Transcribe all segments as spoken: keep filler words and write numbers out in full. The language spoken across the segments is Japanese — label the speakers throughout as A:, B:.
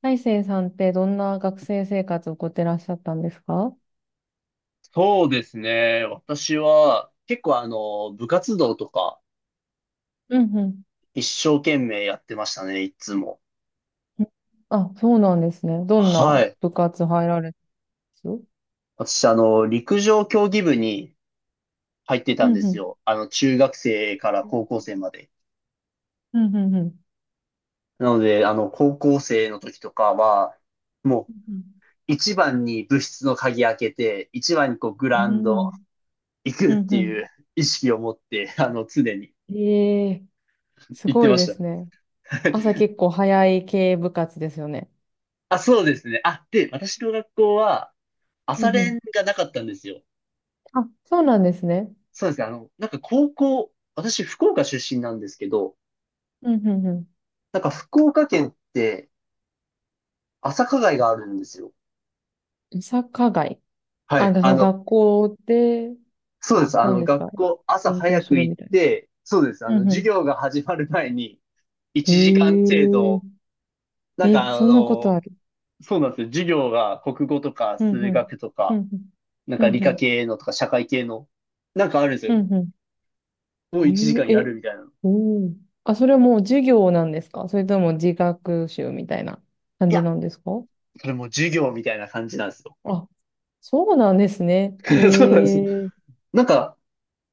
A: 大成さんってどんな学生生活を送ってらっしゃったんですか？
B: そうですね。私は、結構あの、部活動とか、
A: うんうん。
B: 一生懸命やってましたね、いつも。
A: うん。あ、そうなんですね。どん
B: は
A: な
B: い。
A: 部活入られたんですよ。
B: 私、あの、陸上競技部に入って
A: う
B: たんで
A: んう
B: す
A: ん。
B: よ。あの、中学生から高校生まで。
A: うんうんうん。
B: なので、あの、高校生の時とかは、も
A: うん
B: う、一番に部室の鍵開けて、一番にこう、グ
A: う
B: ラウンド
A: ん。
B: 行く
A: う
B: っ
A: ん
B: て
A: う
B: いう意識を持って、あの、常に
A: ん。ええ、す
B: 行って
A: ごい
B: ま
A: で
B: した。
A: すね。朝 結構早い系部活ですよね。
B: あ、そうですね。あ、で、私の学校は、
A: う
B: 朝
A: んうん。
B: 練がなかったんですよ。
A: あ、そうなんですね。
B: そうですね。あの、なんか高校、私福岡出身なんですけど、
A: うんうんう
B: なんか福岡県って朝課外があるんですよ。
A: ん。サッカー街。
B: は
A: あ、
B: い。
A: そ
B: あ
A: の
B: の、
A: 学校で、
B: そうです。あ
A: 何
B: の、
A: ですか？
B: 学校朝
A: 勉強
B: 早
A: す
B: く
A: る
B: 行
A: み
B: っ
A: たい
B: て、そうです。あ
A: な。う
B: の、
A: ん
B: 授
A: う
B: 業が始まる前に
A: ん。
B: いちじかん程
A: へえ
B: 度、なんか
A: え、
B: あ
A: そんなことあ
B: の、
A: る？
B: そうなんですよ。授業が国語とか
A: うん、
B: 数
A: うん。
B: 学と
A: う
B: か、
A: ん、うん。
B: なん
A: う
B: か理
A: ん、う
B: 科
A: ん。
B: 系のとか社会系の、なんかあるんですよ。
A: うんうん。
B: も
A: え
B: ういちじかん
A: ー、
B: や
A: え、
B: るみたいなの。い
A: おお。あ、それはもう授業なんですか？それとも自学習みたいな感じ
B: や、
A: なんですか？
B: それもう授業みたいな感じなんですよ。
A: あ、そうなんですね。え
B: そうなんです。
A: え、
B: なんか、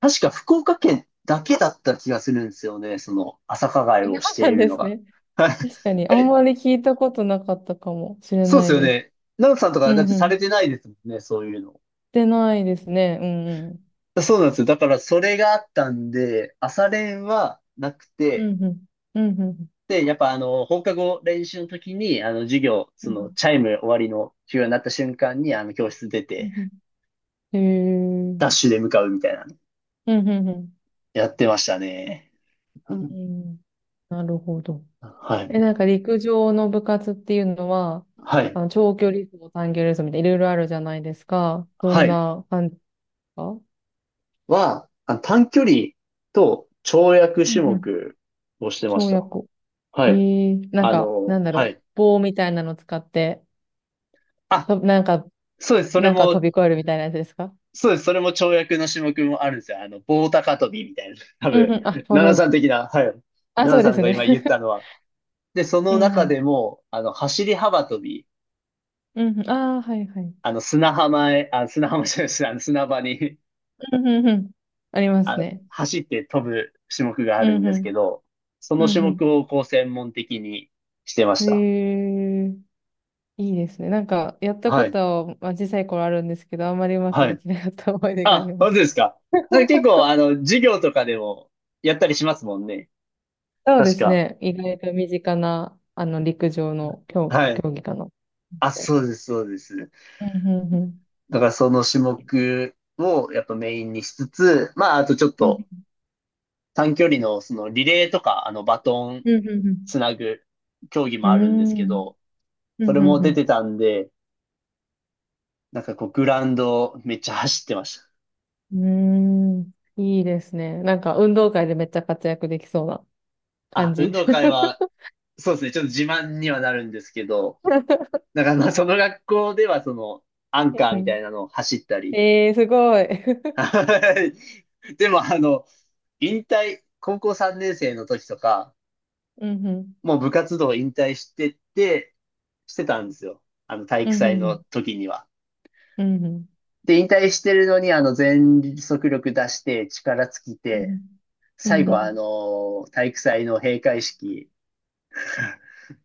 B: 確か福岡県だけだった気がするんですよね。その、朝課外
A: そう
B: をしてい
A: なん
B: る
A: で
B: の
A: す
B: が。
A: ね。確かに、あんま
B: え、
A: り聞いたことなかったかもしれ
B: そうで
A: な
B: す
A: い
B: よ
A: です。
B: ね。ナオさんとか
A: う
B: だっ
A: ん
B: てさ
A: うん。し
B: れてないですもんね、そういうの。
A: てないですね。うんうん。
B: そうなんですよ。だからそれがあったんで、朝練はなく
A: う
B: て、
A: んうん。うんうん。
B: で、やっぱあの、放課後練習の時に、あの、授業、
A: う
B: そ
A: ん
B: の、チャイム終わりの授業になった瞬間に、あの、教室出て、
A: うん。へ
B: ダッ
A: え。
B: シュで向かうみたいなの
A: うんうんうん。
B: やってましたね。う
A: え
B: ん。
A: ー、なるほど。
B: はい。
A: え、なんか陸上の部活っていうのは、
B: はい。
A: あの、長距離走、短距離走みたいないろいろあるじゃないですか。ど
B: は
A: ん
B: い。
A: な感じですか？
B: は、あ短距離と跳躍
A: う
B: 種
A: んうん。
B: 目をしてまし
A: 跳
B: た。
A: 躍。
B: は
A: え
B: い。
A: ー、なん
B: あ
A: か、な
B: の、
A: んだろ
B: は
A: う。
B: い。
A: 棒みたいなの使って、
B: あ、
A: と、なんか、
B: そうです。それ
A: なんか飛
B: も、
A: び越えるみたいなやつですか？
B: そうです。それも跳躍の種目もあるんですよ。あの、棒高跳びみたいな。多
A: うん
B: 分、
A: うん。あ、
B: 奈
A: そうそ
B: 々
A: う。
B: さん的な、はい。奈
A: あ、そ
B: 々
A: う
B: さ
A: で
B: ん
A: す
B: が
A: ね。
B: 今言った のは。で、そ
A: う
B: の
A: んう
B: 中
A: ん。
B: でも、あの、走り幅跳び、
A: うんうん。ああ、はいはい。
B: あの、砂浜へ、あ、砂浜じゃないです。あの、砂場に、
A: うんうんうん。あります
B: あ、
A: ね。
B: 走って飛ぶ種目があ
A: う
B: るん
A: んう
B: ですけ
A: ん。
B: ど、その
A: う
B: 種目
A: ん
B: をこう専門的にしてま
A: う
B: し
A: ん。
B: た。
A: えー。いいですね。なんか、やった
B: は
A: こと
B: い。
A: は、まあ、小さい頃あるんですけど、あんまりうまく
B: は
A: で
B: い。
A: きなかった思い出があり
B: あ、
A: ま
B: 本
A: す。
B: 当ですか？なんか結 構、あの、授業とかでもやったりしますもんね。
A: そうで
B: 確
A: す
B: か。
A: ね。意外と身近な、あの、陸上の競、
B: はい。
A: 競技かな。
B: あ、そうです、そうです。だからその種目をやっぱメインにしつつ、まあ、あとちょっ
A: う
B: と
A: ん
B: 短距離のそのリレーとか、あの、バトン
A: うん
B: つなぐ競技
A: う
B: もあるんで
A: ん
B: す
A: う
B: け
A: ん
B: ど、
A: うん
B: そ
A: う
B: れ
A: ん。うんう
B: も
A: んうんう
B: 出
A: ん
B: てたんで、なんかこう、グラウンドめっちゃ走ってました。
A: うん。いいですね。なんか、運動会でめっちゃ活躍できそうな
B: あ、
A: 感
B: 運
A: じ。
B: 動会は、そうですね、ちょっと自慢にはなるんですけど、だからまあ、その学校ではその、アンカ
A: う
B: ーみた
A: ん、
B: いなのを走ったり、
A: えー、すごい。
B: はい。でも、あの、引退、高校さんねん生の時とか、
A: うんうん。
B: もう部活動引退してて、してたんですよ。あの、体
A: う
B: 育
A: んう
B: 祭
A: んう
B: の
A: ん。
B: 時には。
A: うんうん。
B: で、引退してるのに、あの、全速力出して、力尽き
A: う
B: て、
A: んうん。う
B: 最
A: ん
B: 後
A: う
B: は、あ
A: ん
B: の、体育祭の閉会式、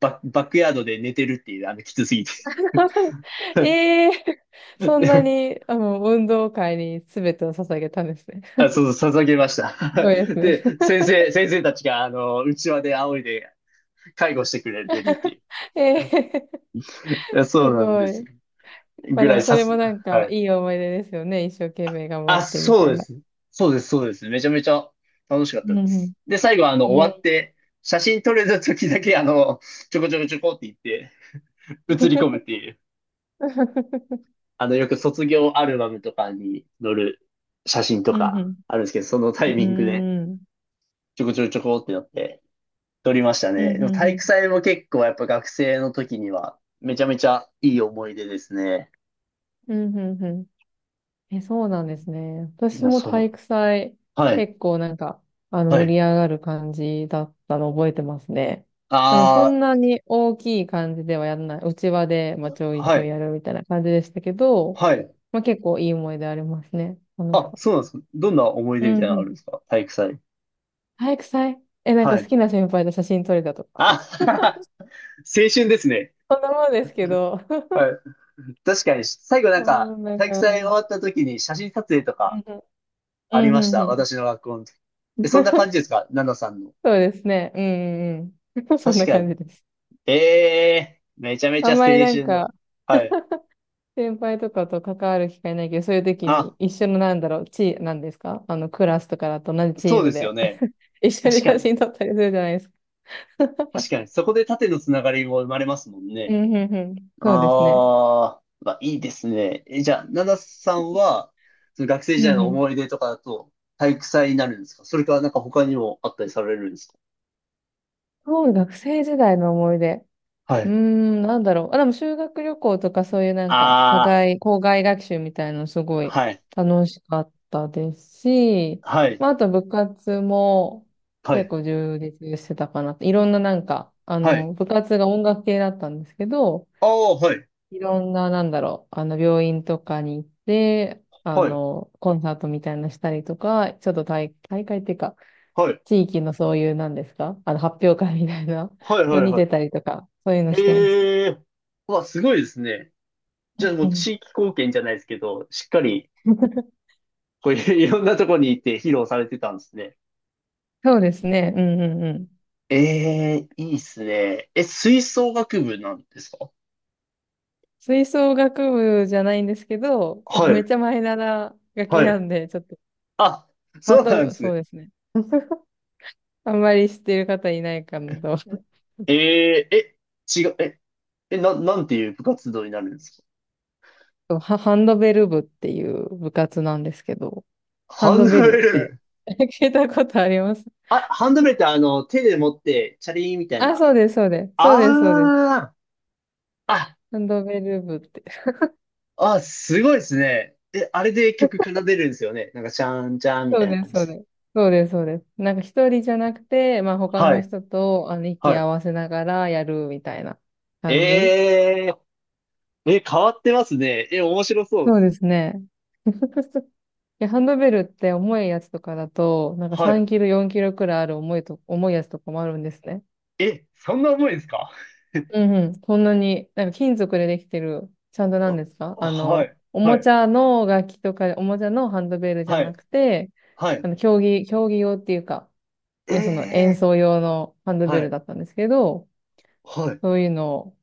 B: バ、バックヤードで寝てるっていう、あの、きつすぎて。
A: ええー、そんな に、あの、運動会に全てを捧げたんですね。
B: あ、そう、捧げました。
A: すごいです ね。
B: で、先生、先生たちが、あの、うちわで仰いで介護してくれてるっていう。
A: ええ
B: いや
A: ー、
B: そ
A: す
B: うなんで
A: ご
B: す
A: い。
B: よ。
A: まあ
B: ぐ
A: で
B: らい
A: もそ
B: 刺
A: れも
B: す。
A: なん
B: は
A: か
B: い。
A: いい思い出ですよね。一生懸命頑張っ
B: あ、
A: てみ
B: そ
A: た
B: う
A: い
B: で
A: な。
B: す。そうです、そうです。めちゃめちゃ楽しかっ
A: う
B: た
A: ん
B: で
A: う
B: す。で、最後あの、
A: ん。え
B: 終わっ
A: え
B: て、写真撮れた時だけ、あの、ちょこちょこちょこって言って、写り込むっ
A: ー。
B: ていう、あの、よく卒業アルバムとかに載る写真と
A: うんう
B: かあるんですけど、そのタイミングで、
A: ん。うーん。
B: ちょこちょこちょこってなって、撮りました
A: う
B: ね。で
A: ん
B: も
A: うんう
B: 体
A: ん。
B: 育祭も結構やっぱ学生の時には、めちゃめちゃいい思い出ですね。
A: うんうんうん。え、そうなんですね。
B: い
A: 私
B: や、
A: も
B: そ
A: 体
B: う。
A: 育祭、
B: はい、
A: 結構なんか、あの、
B: は
A: 盛
B: い。
A: り上がる感じだったの覚えてますね。あの、そん
B: あ
A: なに大きい感じではやらない。内輪で、まあ、
B: あ、
A: ちょいち
B: は
A: ょい
B: い、
A: やるみたいな感じでしたけど、
B: はい。
A: まあ、結構いい思い出ありますね。楽し
B: あ、
A: かっ
B: そうなんですか？どんな思い
A: た。う
B: 出み
A: ん
B: たいな
A: う
B: のある
A: ん。
B: んですか体育祭？
A: 体育祭、え、なん
B: は
A: か好
B: い。
A: きな先輩と写真撮れたとか。
B: あ、青春ですね。
A: そんなもんですけど。
B: はい。確かに、最後なん
A: う
B: か、
A: ん、なん
B: 体育
A: か、う
B: 祭終わ
A: ん
B: った時に写真撮影と
A: う
B: か
A: ん、
B: あり
A: うんう
B: まし
A: んう
B: た。
A: ん。
B: 私の学校の時。え、そんな感じで すかナナさんの？
A: そうですね。うんうんうん。そん
B: 確
A: な
B: か
A: 感
B: に。
A: じです。
B: ええーめちゃめち
A: あ
B: ゃ
A: ん
B: 青
A: まりなん
B: 春の。
A: か、
B: はい。
A: 先輩とかと関わる機会ないけど、そういう時に
B: あ、
A: 一緒のなんだろう、チー、なんですかあの、クラスとかだと同じチ
B: そ
A: ー
B: う
A: ム
B: ですよ
A: で
B: ね。
A: 一緒
B: 確
A: に
B: か
A: 写
B: に。
A: 真撮ったりするじゃないですか。
B: 確かに。そこで縦のつながりも生まれますもん
A: う
B: ね。
A: んうんうん。そうですね。
B: ああ、まあいいですね。え、じゃあ、ナナさんは、その学生
A: う
B: 時代
A: ん
B: の
A: うん。
B: 思い出とかだと、体育祭になるんですかそれか、なんか他にもあったりされるんですか？
A: そう、学生時代の思い出。
B: は
A: うー
B: い。
A: ん、なんだろう。あ、でも修学旅行とかそういうなんか、課
B: あ
A: 外、校外学習みたいなのすご
B: あ、
A: い
B: はい、
A: 楽しかったですし、
B: はい、
A: まあ、あと部活も
B: は
A: 結
B: い、
A: 構充実してたかな。いろんななんか、あ
B: は
A: の、
B: い。
A: 部活が音楽系だったんですけど、
B: ああ、はい、
A: いろんななんだろう、あの、病院とかに行って、あ
B: はい、
A: の、コンサートみたいなのしたりとか、ちょっと大、大会っていうか、
B: はい、
A: 地域のそういうなんですかあの、発表会みたいな
B: はい、は
A: の
B: い、
A: に
B: は
A: 出た
B: い。
A: りとか、そういうの
B: え
A: してました。
B: えー、うわ、すごいですね。
A: う
B: じゃあ
A: ん
B: もう
A: うん。
B: 地域貢献じゃないですけど、しっかり、こういう いろんなとこに行って披露されてたんですね。
A: そうですね。うんうんうん。
B: ええー、いいっすね。え、吹奏楽部なんですか？
A: 吹奏楽部じゃないんですけど、あの
B: はい。
A: めっちゃマイナーな楽器
B: はい。
A: なんで、ちょっと、
B: あ、
A: ハ
B: そ
A: ン
B: うなんで
A: ド、
B: す
A: そ
B: ね。
A: うですね。あんまり知ってる方いないかなと。
B: えー、え、違う、え、え、な、なんていう部活動になるんですか？
A: そう、ハハンドベル部っていう部活なんですけど、ハン
B: ハン
A: ド
B: ド
A: ベ
B: ベ
A: ルっ
B: ル
A: て
B: 部。
A: 聞いたことあります？
B: あ、ハンドベルってあの、手で持って、チャリーンみたい
A: あ、
B: な。
A: そうです、そうです。そうです、そうです。
B: あー、あ、
A: ハンドベル部って。
B: あ、すごいですね。え、あれで曲奏でるんですよね。なんか、チャンチャンみ
A: そ
B: た
A: う
B: いな
A: です、
B: 感じで
A: そう
B: す。
A: です。そうです、そうです。なんか一人じゃなくて、まあ他
B: は
A: の
B: い、
A: 人とあの息合
B: は
A: わせながらやるみたいな
B: い。
A: 感じ。
B: えー、え、変わってますね。え、面白そう
A: そ
B: で
A: う
B: す。
A: ですね。いや、ハンドベルって重いやつとかだと、なんか
B: はい。
A: さんキロ、よんキロくらいある重いと、重いやつとかもあるんですね。
B: え、そんな重いですか？
A: うんうん。こんなに、なんか金属でできてる、ちゃんとなん
B: あ
A: ですかあ
B: はい、
A: の、お
B: は
A: も
B: い、
A: ちゃの楽器とか、おもちゃのハンドベルじゃ
B: は
A: な
B: い、
A: くて、
B: はい。
A: あの、競技、競技用っていうか、
B: え
A: え、その演
B: え
A: 奏用のハンドベ
B: は
A: ル
B: い。
A: だったんですけど、
B: はい。
A: そういうのを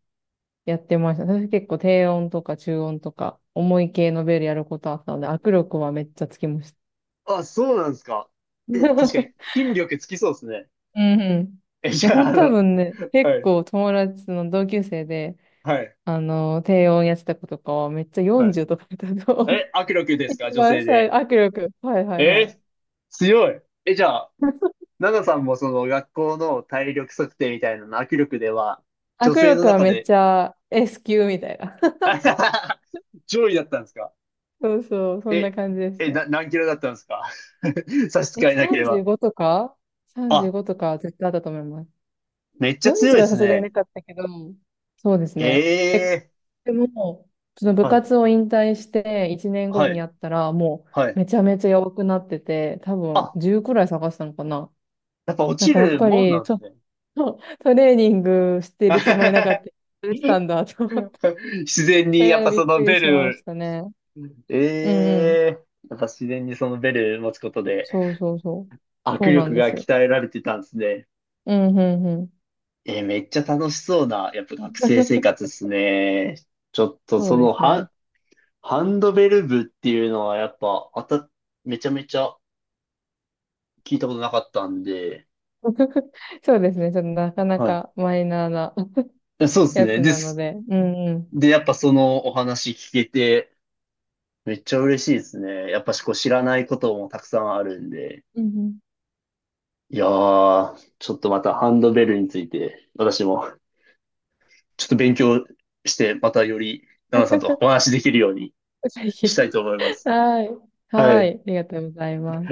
A: やってました。私結構低音とか中音とか、重い系のベルやることあったので、握力はめっちゃつきました。
B: あ、そうなんですか？え、確かに、筋力つきそうですね。
A: うんうん。
B: え、
A: い
B: じ
A: や、
B: ゃ
A: ほ
B: あ、
A: ん
B: あ
A: と
B: の、
A: 多分ね、
B: は
A: 結
B: い、
A: 構友達の同級生で、
B: はい、
A: あの、低音やってた子とかはめっちゃ
B: はい。
A: よんじゅうとかだったと思う。
B: え、握力で すか、
A: 一
B: 女
A: 番
B: 性
A: 最、
B: で？
A: 握力。はいはいは
B: え
A: い。
B: ー強い。え、じゃあ、ナナさんもその学校の体力測定みたいなの握力では、
A: 握
B: 女性の
A: 力は
B: 中
A: めっ
B: で、
A: ちゃ S 級みたいな。
B: あはは上位だったんですか？
A: そうそう、そんな
B: え、
A: 感じでし
B: え、
A: た。
B: な、何キロだったんですか？ 差し支
A: え、
B: えなければ。
A: さんじゅうごとか
B: あ、
A: ?さんじゅうご とか絶対あったと思います。
B: めっちゃ強いで
A: よんじゅうは
B: す
A: さすがにな
B: ね。
A: かったけど、そうですね。え、
B: ええ
A: でも、その部
B: はい、
A: 活を引退していちねんご
B: は
A: に
B: い、
A: やったら、も
B: は
A: う
B: い。
A: めちゃめちゃ弱くなってて、多分
B: あ、
A: じゅうくらい探したのかな。
B: やっぱ落
A: なん
B: ち
A: かやっ
B: る
A: ぱ
B: もんな
A: り、
B: ん
A: ち
B: で
A: ょ
B: す
A: っ
B: ね。
A: と トレーニングしてるつもりなかった。や れてたんだと。そ
B: 自然に、やっ
A: れは
B: ぱ
A: びっ
B: そ
A: く
B: の
A: り
B: ベ
A: しまし
B: ル、
A: たね。
B: え
A: うんうん。
B: えやっぱ自然にそのベル持つことで、
A: そうそうそう。
B: 握
A: そうな
B: 力
A: んで
B: が
A: すよ。
B: 鍛えられてたんですね。
A: うんうんうん。
B: えーめっちゃ楽しそうな、やっぱ学生生活で すね。ちょっと
A: そ
B: そ
A: うで
B: の
A: すね。
B: ハ、ハンドベル部っていうのはやっぱ、あた、めちゃめちゃ聞いたことなかったんで、
A: そうですね。ちょっとなかな
B: は
A: かマイナーな
B: い。そうです
A: や
B: ね。
A: つ
B: で
A: なの
B: す。
A: で。うんうん。
B: で、やっぱそのお話聞けて、めっちゃ嬉しいですね。やっぱしこう知らないこともたくさんあるんで。
A: うんうん。
B: いやー、ちょっとまたハンドベルについて、私もちょっと勉強して、またより、ナナさんとお 話しできるように
A: ぜ
B: した
A: ひ。
B: いと思います。
A: はい。
B: は
A: は
B: い。
A: い。ありがとうございます。